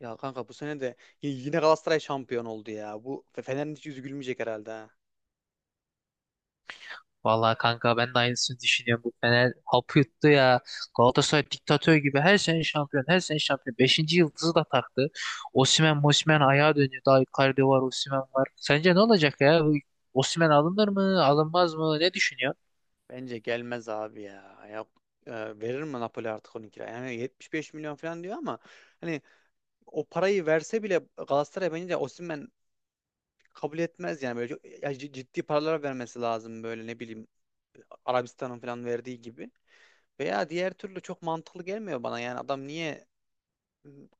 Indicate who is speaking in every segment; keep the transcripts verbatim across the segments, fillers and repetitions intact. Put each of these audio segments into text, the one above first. Speaker 1: Ya kanka bu sene de y- yine Galatasaray şampiyon oldu ya. Bu Fe- Fener'in hiç yüzü gülmeyecek herhalde ha.
Speaker 2: Vallahi kanka ben de aynısını düşünüyorum. Bu Fener hapı yuttu ya. Galatasaray diktatör gibi her sene şampiyon, her sene şampiyon. Beşinci yıldızı da taktı. Osimhen, Mosimhen ayağa dönüyor. Daha Icardi var, Osimhen var. Sence ne olacak ya? Bu Osimhen alınır mı, alınmaz mı? Ne düşünüyor?
Speaker 1: Bence gelmez abi ya. Ya e, verir mi Napoli artık on iki kira? Yani yetmiş beş milyon falan diyor ama hani o parayı verse bile Galatasaray bence Osimhen kabul etmez yani böyle çok- ya c- ciddi paralar vermesi lazım böyle ne bileyim Arabistan'ın falan verdiği gibi. Veya diğer türlü çok mantıklı gelmiyor bana yani adam niye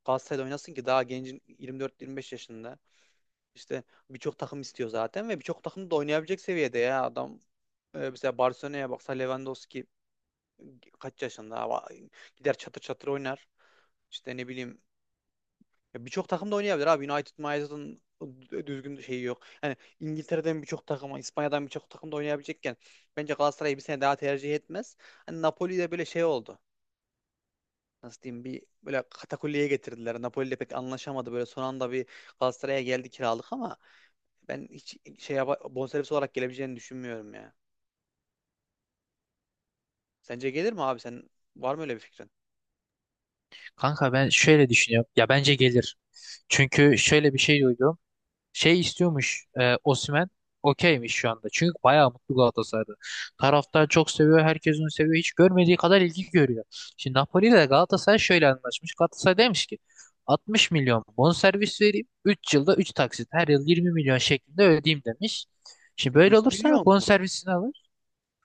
Speaker 1: Galatasaray'da oynasın ki daha gencin yirmi dört, yirmi beş yaşında. İşte birçok takım istiyor zaten ve birçok takım da oynayabilecek seviyede ya adam. Ee, mesela Barcelona'ya baksa Lewandowski kaç yaşında ama gider çatır çatır oynar. İşte ne bileyim ya birçok takım da oynayabilir abi. United, United'ın düzgün şeyi yok. Yani İngiltere'den birçok takım, İspanya'dan birçok takım da oynayabilecekken bence Galatasaray'ı bir sene daha tercih etmez. Hani Napoli'de böyle şey oldu. Nasıl diyeyim bir böyle katakulliye getirdiler. Napoli'yle pek anlaşamadı. Böyle son anda bir Galatasaray'a geldi kiralık ama ben hiç şey yapa- bonservis olarak gelebileceğini düşünmüyorum ya. Sence gelir mi abi? Sen var mı öyle bir fikrin?
Speaker 2: Kanka ben şöyle düşünüyorum. Ya bence gelir. Çünkü şöyle bir şey duydum. Şey istiyormuş e, Osimhen. Okeymiş şu anda. Çünkü bayağı mutlu Galatasaray'da. Taraftar çok seviyor. Herkes onu seviyor. Hiç görmediği kadar ilgi görüyor. Şimdi Napoli ile Galatasaray şöyle anlaşmış. Galatasaray demiş ki altmış milyon bonservis vereyim. Üç yılda üç taksit. Her yıl yirmi milyon şeklinde ödeyeyim demiş. Şimdi böyle
Speaker 1: yüz
Speaker 2: olursa
Speaker 1: milyon mu?
Speaker 2: bonservisini alır.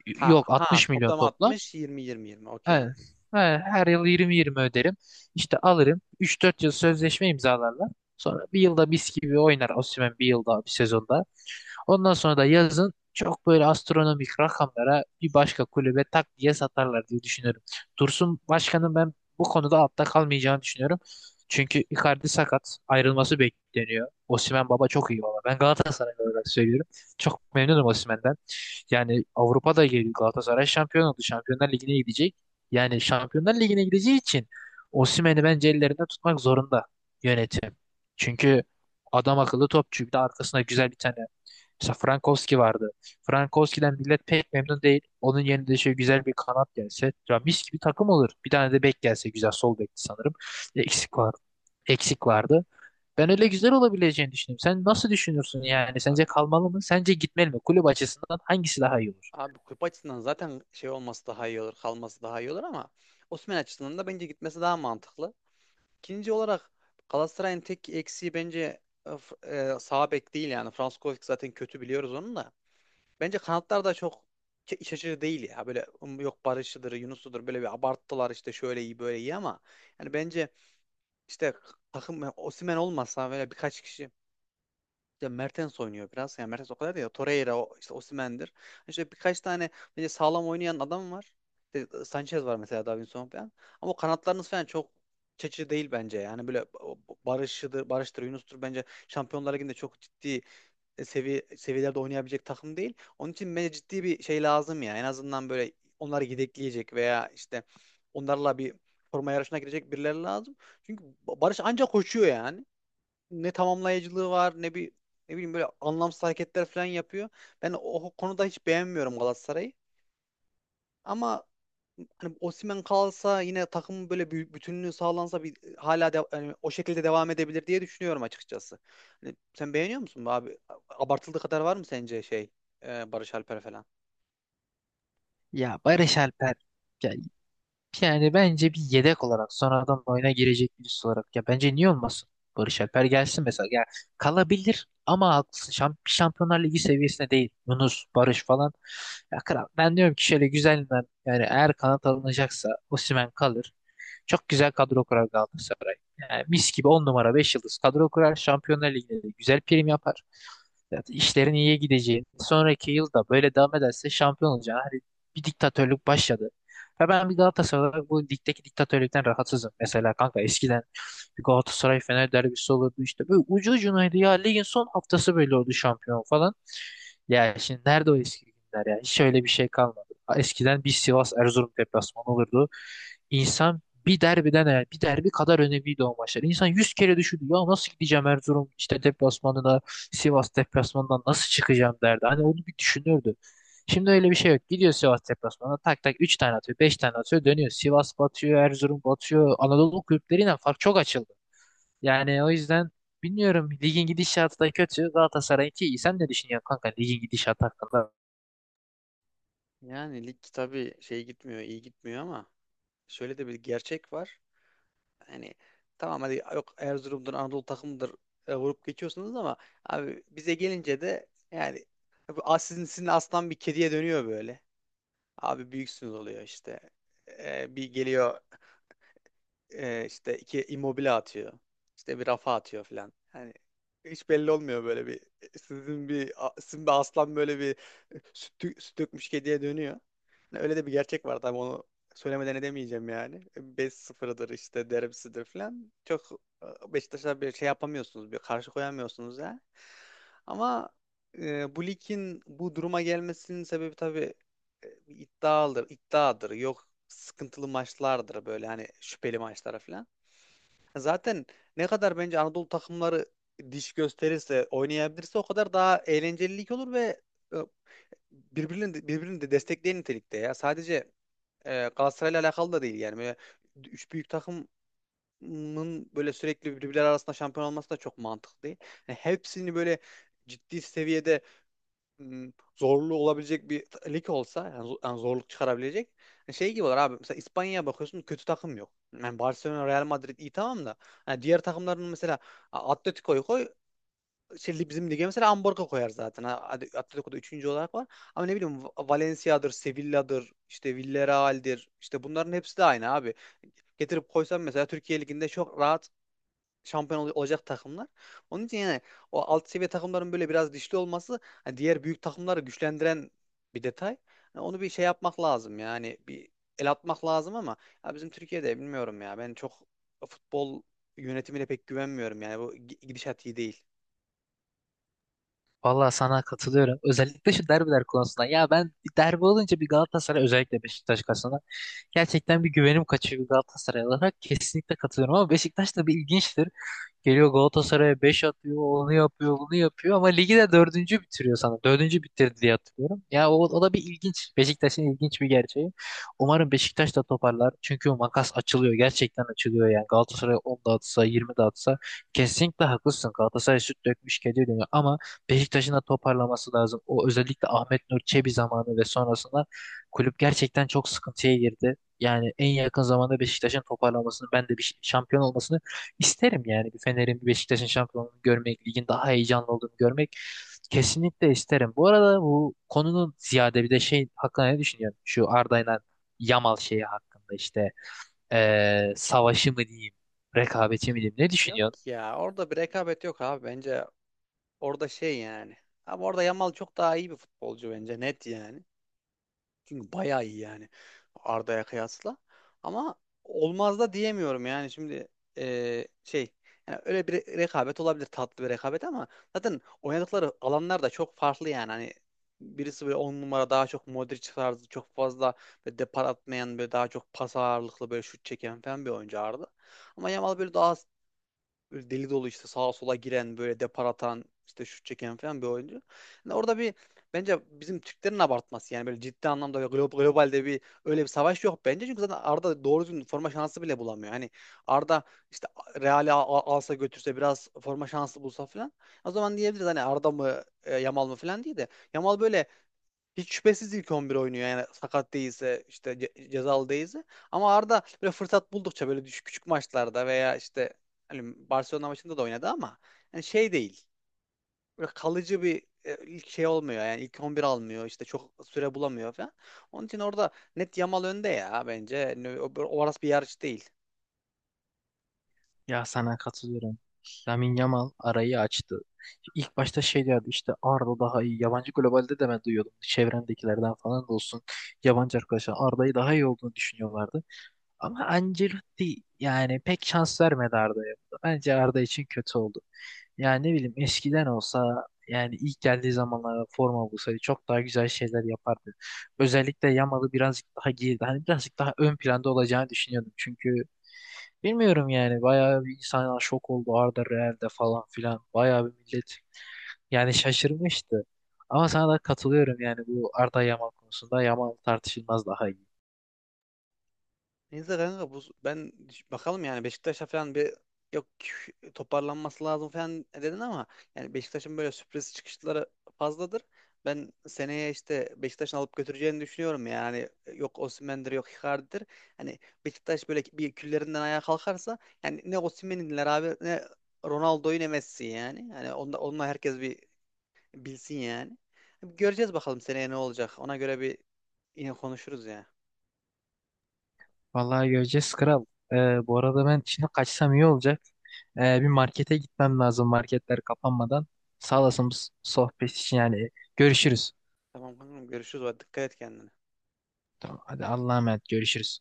Speaker 2: Y-
Speaker 1: Ha
Speaker 2: Yok
Speaker 1: ha,
Speaker 2: altmış milyon
Speaker 1: toplam
Speaker 2: toplam.
Speaker 1: altmış yirmi yirmi yirmi.
Speaker 2: He,
Speaker 1: Okey. Anladım.
Speaker 2: he, her yıl yirmi yirmi öderim. İşte alırım. Üç dört yıl sözleşme imzalarlar. Sonra bir yılda mis gibi oynar Osimhen, bir yılda, bir sezonda. Ondan sonra da yazın çok böyle astronomik rakamlara bir başka kulübe tak diye satarlar diye düşünüyorum. Dursun Başkan'ın ben bu konuda altta kalmayacağını düşünüyorum. Çünkü Icardi sakat, ayrılması bekleniyor. Osimhen baba, çok iyi baba. Ben Galatasaray olarak söylüyorum. Çok memnunum Osimhen'den. Yani Avrupa'da geliyor, Galatasaray şampiyon oldu. Şampiyonlar Ligi'ne gidecek. Yani Şampiyonlar Ligi'ne gideceği için Osimhen'i bence ellerinde tutmak zorunda yönetim. Çünkü adam akıllı topçu. Bir de arkasında güzel bir tane. Mesela Frankowski vardı. Frankowski'den millet pek memnun değil. Onun yerine de şöyle güzel bir kanat gelse. Ya mis gibi takım olur. Bir tane de bek gelse güzel. Sol bekti sanırım. Eksik var. Eksik vardı. Ben öyle güzel olabileceğini düşünüyorum. Sen nasıl düşünürsün yani? Sence
Speaker 1: Abi,
Speaker 2: kalmalı mı? Sence gitmeli mi? Kulüp açısından hangisi daha iyi olur?
Speaker 1: abi kulüp açısından zaten şey olması daha iyi olur, kalması daha iyi olur ama Osimhen açısından da bence gitmesi daha mantıklı. İkinci olarak Galatasaray'ın tek eksiği bence e, F- e, sağ bek değil yani. Franskovic zaten kötü biliyoruz onun da. Bence kanatlar da çok ke- iç açıcı değil ya. Böyle um, yok Barış'ıdır, Yunus'udur böyle bir abarttılar işte şöyle iyi böyle iyi ama yani bence işte takım yani Osimhen olmasa böyle birkaç kişi işte Mertens oynuyor biraz. Yani Mertens o kadar değil. De Torreira, o- işte Osimhen'dir. İşte birkaç tane böyle sağlam oynayan adam var. İşte Sanchez var mesela Davinson falan. Ama o kanatlarınız falan çok çeşitli değil bence. Yani böyle o- o Barış'ıdır, Barış'tır, Yunus'tur bence Şampiyonlar Ligi'nde çok ciddi seviye seviyelerde oynayabilecek takım değil. Onun için bence ciddi bir şey lazım ya. En azından böyle onları yedekleyecek veya işte onlarla bir forma yarışına girecek birileri lazım. Çünkü Barış ancak koşuyor yani ne tamamlayıcılığı var ne bir ne bileyim böyle anlamsız hareketler falan yapıyor. Ben o konuda hiç beğenmiyorum Galatasaray'ı. Ama hani Osimhen kalsa yine takımın böyle bir bütünlüğü sağlansa bir hala de, hani o şekilde devam edebilir diye düşünüyorum açıkçası. Hani sen beğeniyor musun bu abi? Abartıldığı kadar var mı sence şey e, Barış Alper falan?
Speaker 2: Ya Barış Alper. Ya yani bence bir yedek olarak, sonradan oyuna girecek birisi olarak, ya bence niye olmasın? Barış Alper gelsin mesela. Ya, kalabilir ama haklısın. Şamp Şampiyonlar Ligi seviyesinde değil. Yunus, Barış falan. Ya kral, ben diyorum ki şöyle güzelinden, yani eğer kanat alınacaksa Osimhen kalır. Çok güzel kadro kurar Galatasaray. Yani mis gibi on numara, beş yıldız kadro kurar. Şampiyonlar Ligi'nde de güzel prim yapar. Zaten işlerin iyiye gideceği, sonraki yılda böyle devam ederse şampiyon olacağı. Hani bir diktatörlük başladı. Ve ben bir Galatasaray olarak bu ligdeki diktatörlükten rahatsızım. Mesela kanka, eskiden bir Galatasaray Fener derbisi olurdu işte. Böyle ucu ucunaydı ya. Ligin son haftası böyle oldu şampiyon falan. Ya şimdi nerede o eski günler ya? Hiç öyle bir şey kalmadı. Eskiden bir Sivas Erzurum deplasmanı olurdu. İnsan bir derbiden, eğer bir derbi kadar önemliydi o maçlar. İnsan yüz kere düşündü ya, nasıl gideceğim Erzurum işte deplasmanına, Sivas deplasmanından nasıl çıkacağım derdi. Hani onu bir düşünürdü. Şimdi öyle bir şey yok. Gidiyor Sivas deplasmanına, tak tak üç tane atıyor, beş tane atıyor, dönüyor. Sivas batıyor, Erzurum batıyor. Anadolu kulüpleriyle fark çok açıldı. Yani o yüzden bilmiyorum, ligin gidişatı da kötü. Galatasaray'ınki iyi. Sen ne düşünüyorsun kanka, ligin gidişatı hakkında?
Speaker 1: Yani lig tabii şey gitmiyor, iyi gitmiyor ama şöyle de bir gerçek var. Hani tamam hadi yok Erzurum'dur Anadolu takımıdır e, vurup geçiyorsunuz ama abi bize gelince de yani e, bu as- sizin, sizin aslan bir kediye dönüyor böyle. Abi büyüksünüz oluyor işte. E, bir geliyor e, işte iki immobile atıyor. İşte bir rafa atıyor falan. Hani hiç belli olmuyor böyle bir e, sizin bir a- sizin bir aslan böyle bir e, süt, dö- süt dökmüş kediye dönüyor. Yani öyle de bir gerçek var tabii onu söylemeden edemeyeceğim yani. beş sıfırdır işte derbisidir falan. Çok e, Beşiktaş'a bir şey yapamıyorsunuz, bir karşı koyamıyorsunuz ya. Ama e, bu ligin bu duruma gelmesinin sebebi tabii e, bir iddiadır, iddiadır. Yok sıkıntılı maçlardır böyle hani şüpheli maçlara falan. Zaten ne kadar bence Anadolu takımları diş gösterirse, oynayabilirse o kadar daha eğlenceli lig olur ve e, birbirini de, birbirini de destekleyen nitelikte ya. Sadece e, Galatasaray'la alakalı da değil yani. Böyle üç büyük takımın böyle sürekli birbirleri arasında şampiyon olması da çok mantıklı değil. Yani hepsini böyle ciddi seviyede m, zorlu olabilecek bir t- lig olsa yani, zo- yani zorluk çıkarabilecek hani şey gibi olur abi. Mesela İspanya'ya bakıyorsun kötü takım yok. Yani Barcelona, Real Madrid iyi tamam da yani diğer takımların mesela A- Atletico'yu koy şey, bizim lige mesela Amborga koyar zaten. Ha, hadi Atletico'da üçüncü olarak var. Ama ne bileyim Va- Valencia'dır, Sevilla'dır, işte Villarreal'dir. İşte bunların hepsi de aynı abi. Getirip koysam mesela Türkiye Ligi'nde çok rahat şampiyon ol- olacak takımlar. Onun için yani o alt seviye takımların böyle biraz dişli olması hani diğer büyük takımları güçlendiren bir detay. Yani onu bir şey yapmak lazım yani bir el atmak lazım ama ya bizim Türkiye'de bilmiyorum ya ben çok futbol yönetimine pek güvenmiyorum yani bu gi- gidişat iyi değil.
Speaker 2: Vallahi sana katılıyorum. Özellikle şu derbiler konusunda. Ya ben, bir derbi olunca bir Galatasaray özellikle Beşiktaş, gerçekten bir güvenim kaçıyor Galatasaray olarak. Kesinlikle katılıyorum, ama Beşiktaş da bir ilginçtir. Geliyor Galatasaray'a beş atıyor, onu yapıyor, bunu yapıyor ama ligi de dördüncü bitiriyor sana. Dördüncü bitirdi diye hatırlıyorum. Ya o, o da bir ilginç. Beşiktaş'ın ilginç bir gerçeği. Umarım Beşiktaş da toparlar. Çünkü o makas açılıyor. Gerçekten açılıyor yani. Galatasaray on dağıtsa, yirmi dağıtsa, kesinlikle haklısın. Galatasaray süt dökmüş gece dönüyor ama Beşiktaş'ın da toparlaması lazım. O özellikle Ahmet Nur Çebi zamanı ve sonrasında kulüp gerçekten çok sıkıntıya girdi. Yani en yakın zamanda Beşiktaş'ın toparlamasını, ben de bir şampiyon olmasını isterim yani. Bir Fener'in, bir Beşiktaş'ın şampiyonluğunu görmek, ligin daha heyecanlı olduğunu görmek kesinlikle isterim. Bu arada bu konunun ziyade bir de şey hakkında ne düşünüyorsun? Şu Arda'yla Yamal şeyi hakkında işte, eee, savaşı mı diyeyim, rekabeti mi diyeyim, ne düşünüyorsun?
Speaker 1: Ya orada bir rekabet yok abi bence orada şey yani. Ama orada Yamal çok daha iyi bir futbolcu bence net yani. Çünkü bayağı iyi yani Arda'ya kıyasla. Ama olmaz da diyemiyorum yani şimdi eee, şey yani öyle bir re- rekabet olabilir tatlı bir rekabet ama zaten oynadıkları alanlar da çok farklı yani. Hani birisi böyle on numara daha çok Modric tarzı çok fazla böyle depar atmayan böyle daha çok pas ağırlıklı böyle şut çeken falan bir oyuncu Arda. Ama Yamal böyle daha böyle deli dolu işte sağa sola giren böyle depar atan işte şut çeken falan bir oyuncu. Yani orada bir bence bizim Türklerin abartması yani böyle ciddi anlamda ve glo- globalde bir öyle bir savaş yok bence. Çünkü zaten Arda doğru düzgün forma şansı bile bulamıyor. Hani Arda işte Real'i al- alsa götürse biraz forma şansı bulsa falan. O zaman diyebiliriz hani Arda mı e, Yamal mı falan değil de Yamal böyle hiç şüphesiz ilk on bir oynuyor yani sakat değilse işte ce- cezalı değilse ama Arda böyle fırsat buldukça böyle düş küçük maçlarda veya işte hani Barcelona maçında da oynadı ama yani şey değil böyle kalıcı bir e, ilk şey olmuyor yani ilk on bir almıyor işte çok süre bulamıyor falan. Onun için orada net Yamal önde ya bence. Yani o- o- orası bir yarış değil.
Speaker 2: Ya sana katılıyorum. Lamine Yamal arayı açtı. İlk başta şey diyordu işte, Arda daha iyi. Yabancı globalde de ben duyuyordum. Çevremdekilerden falan da olsun. Yabancı arkadaşlar Arda'yı daha iyi olduğunu düşünüyorlardı. Ama Ancelotti yani pek şans vermedi Arda'ya. Bence Arda için kötü oldu. Yani ne bileyim, eskiden olsa, yani ilk geldiği zamanlarda forma bulsaydı çok daha güzel şeyler yapardı. Özellikle Yamal'ı birazcık daha geride, hani birazcık daha ön planda olacağını düşünüyordum. Çünkü bilmiyorum yani, bayağı bir insan şok oldu Arda Real'de falan filan. Bayağı bir millet yani şaşırmıştı. Ama sana da katılıyorum yani, bu Arda Yamal konusunda Yamal tartışılmaz daha iyi.
Speaker 1: Neyse kanka bu, ben bakalım yani Beşiktaş'a falan bir yok toparlanması lazım falan dedin ama yani Beşiktaş'ın böyle sürpriz çıkışları fazladır. Ben seneye işte Beşiktaş'ın alıp götüreceğini düşünüyorum yani yok Osimhen'dir yok Icardi'dir. Hani Beşiktaş böyle bir küllerinden ayağa kalkarsa yani ne Osimhen'inler abi ne Ronaldo'yu ne Messi yani. Yani onda, onunla herkes bir bilsin yani. Göreceğiz bakalım seneye ne olacak. Ona göre bir yine konuşuruz ya.
Speaker 2: Vallahi göreceğiz kral. Ee, bu arada ben şimdi kaçsam iyi olacak. Ee, bir markete gitmem lazım, marketler kapanmadan. Sağ olasın bu sohbet için yani. Görüşürüz.
Speaker 1: Tamam kankam görüşürüz. Hadi dikkat et kendine.
Speaker 2: Tamam, hadi Allah'a emanet, görüşürüz.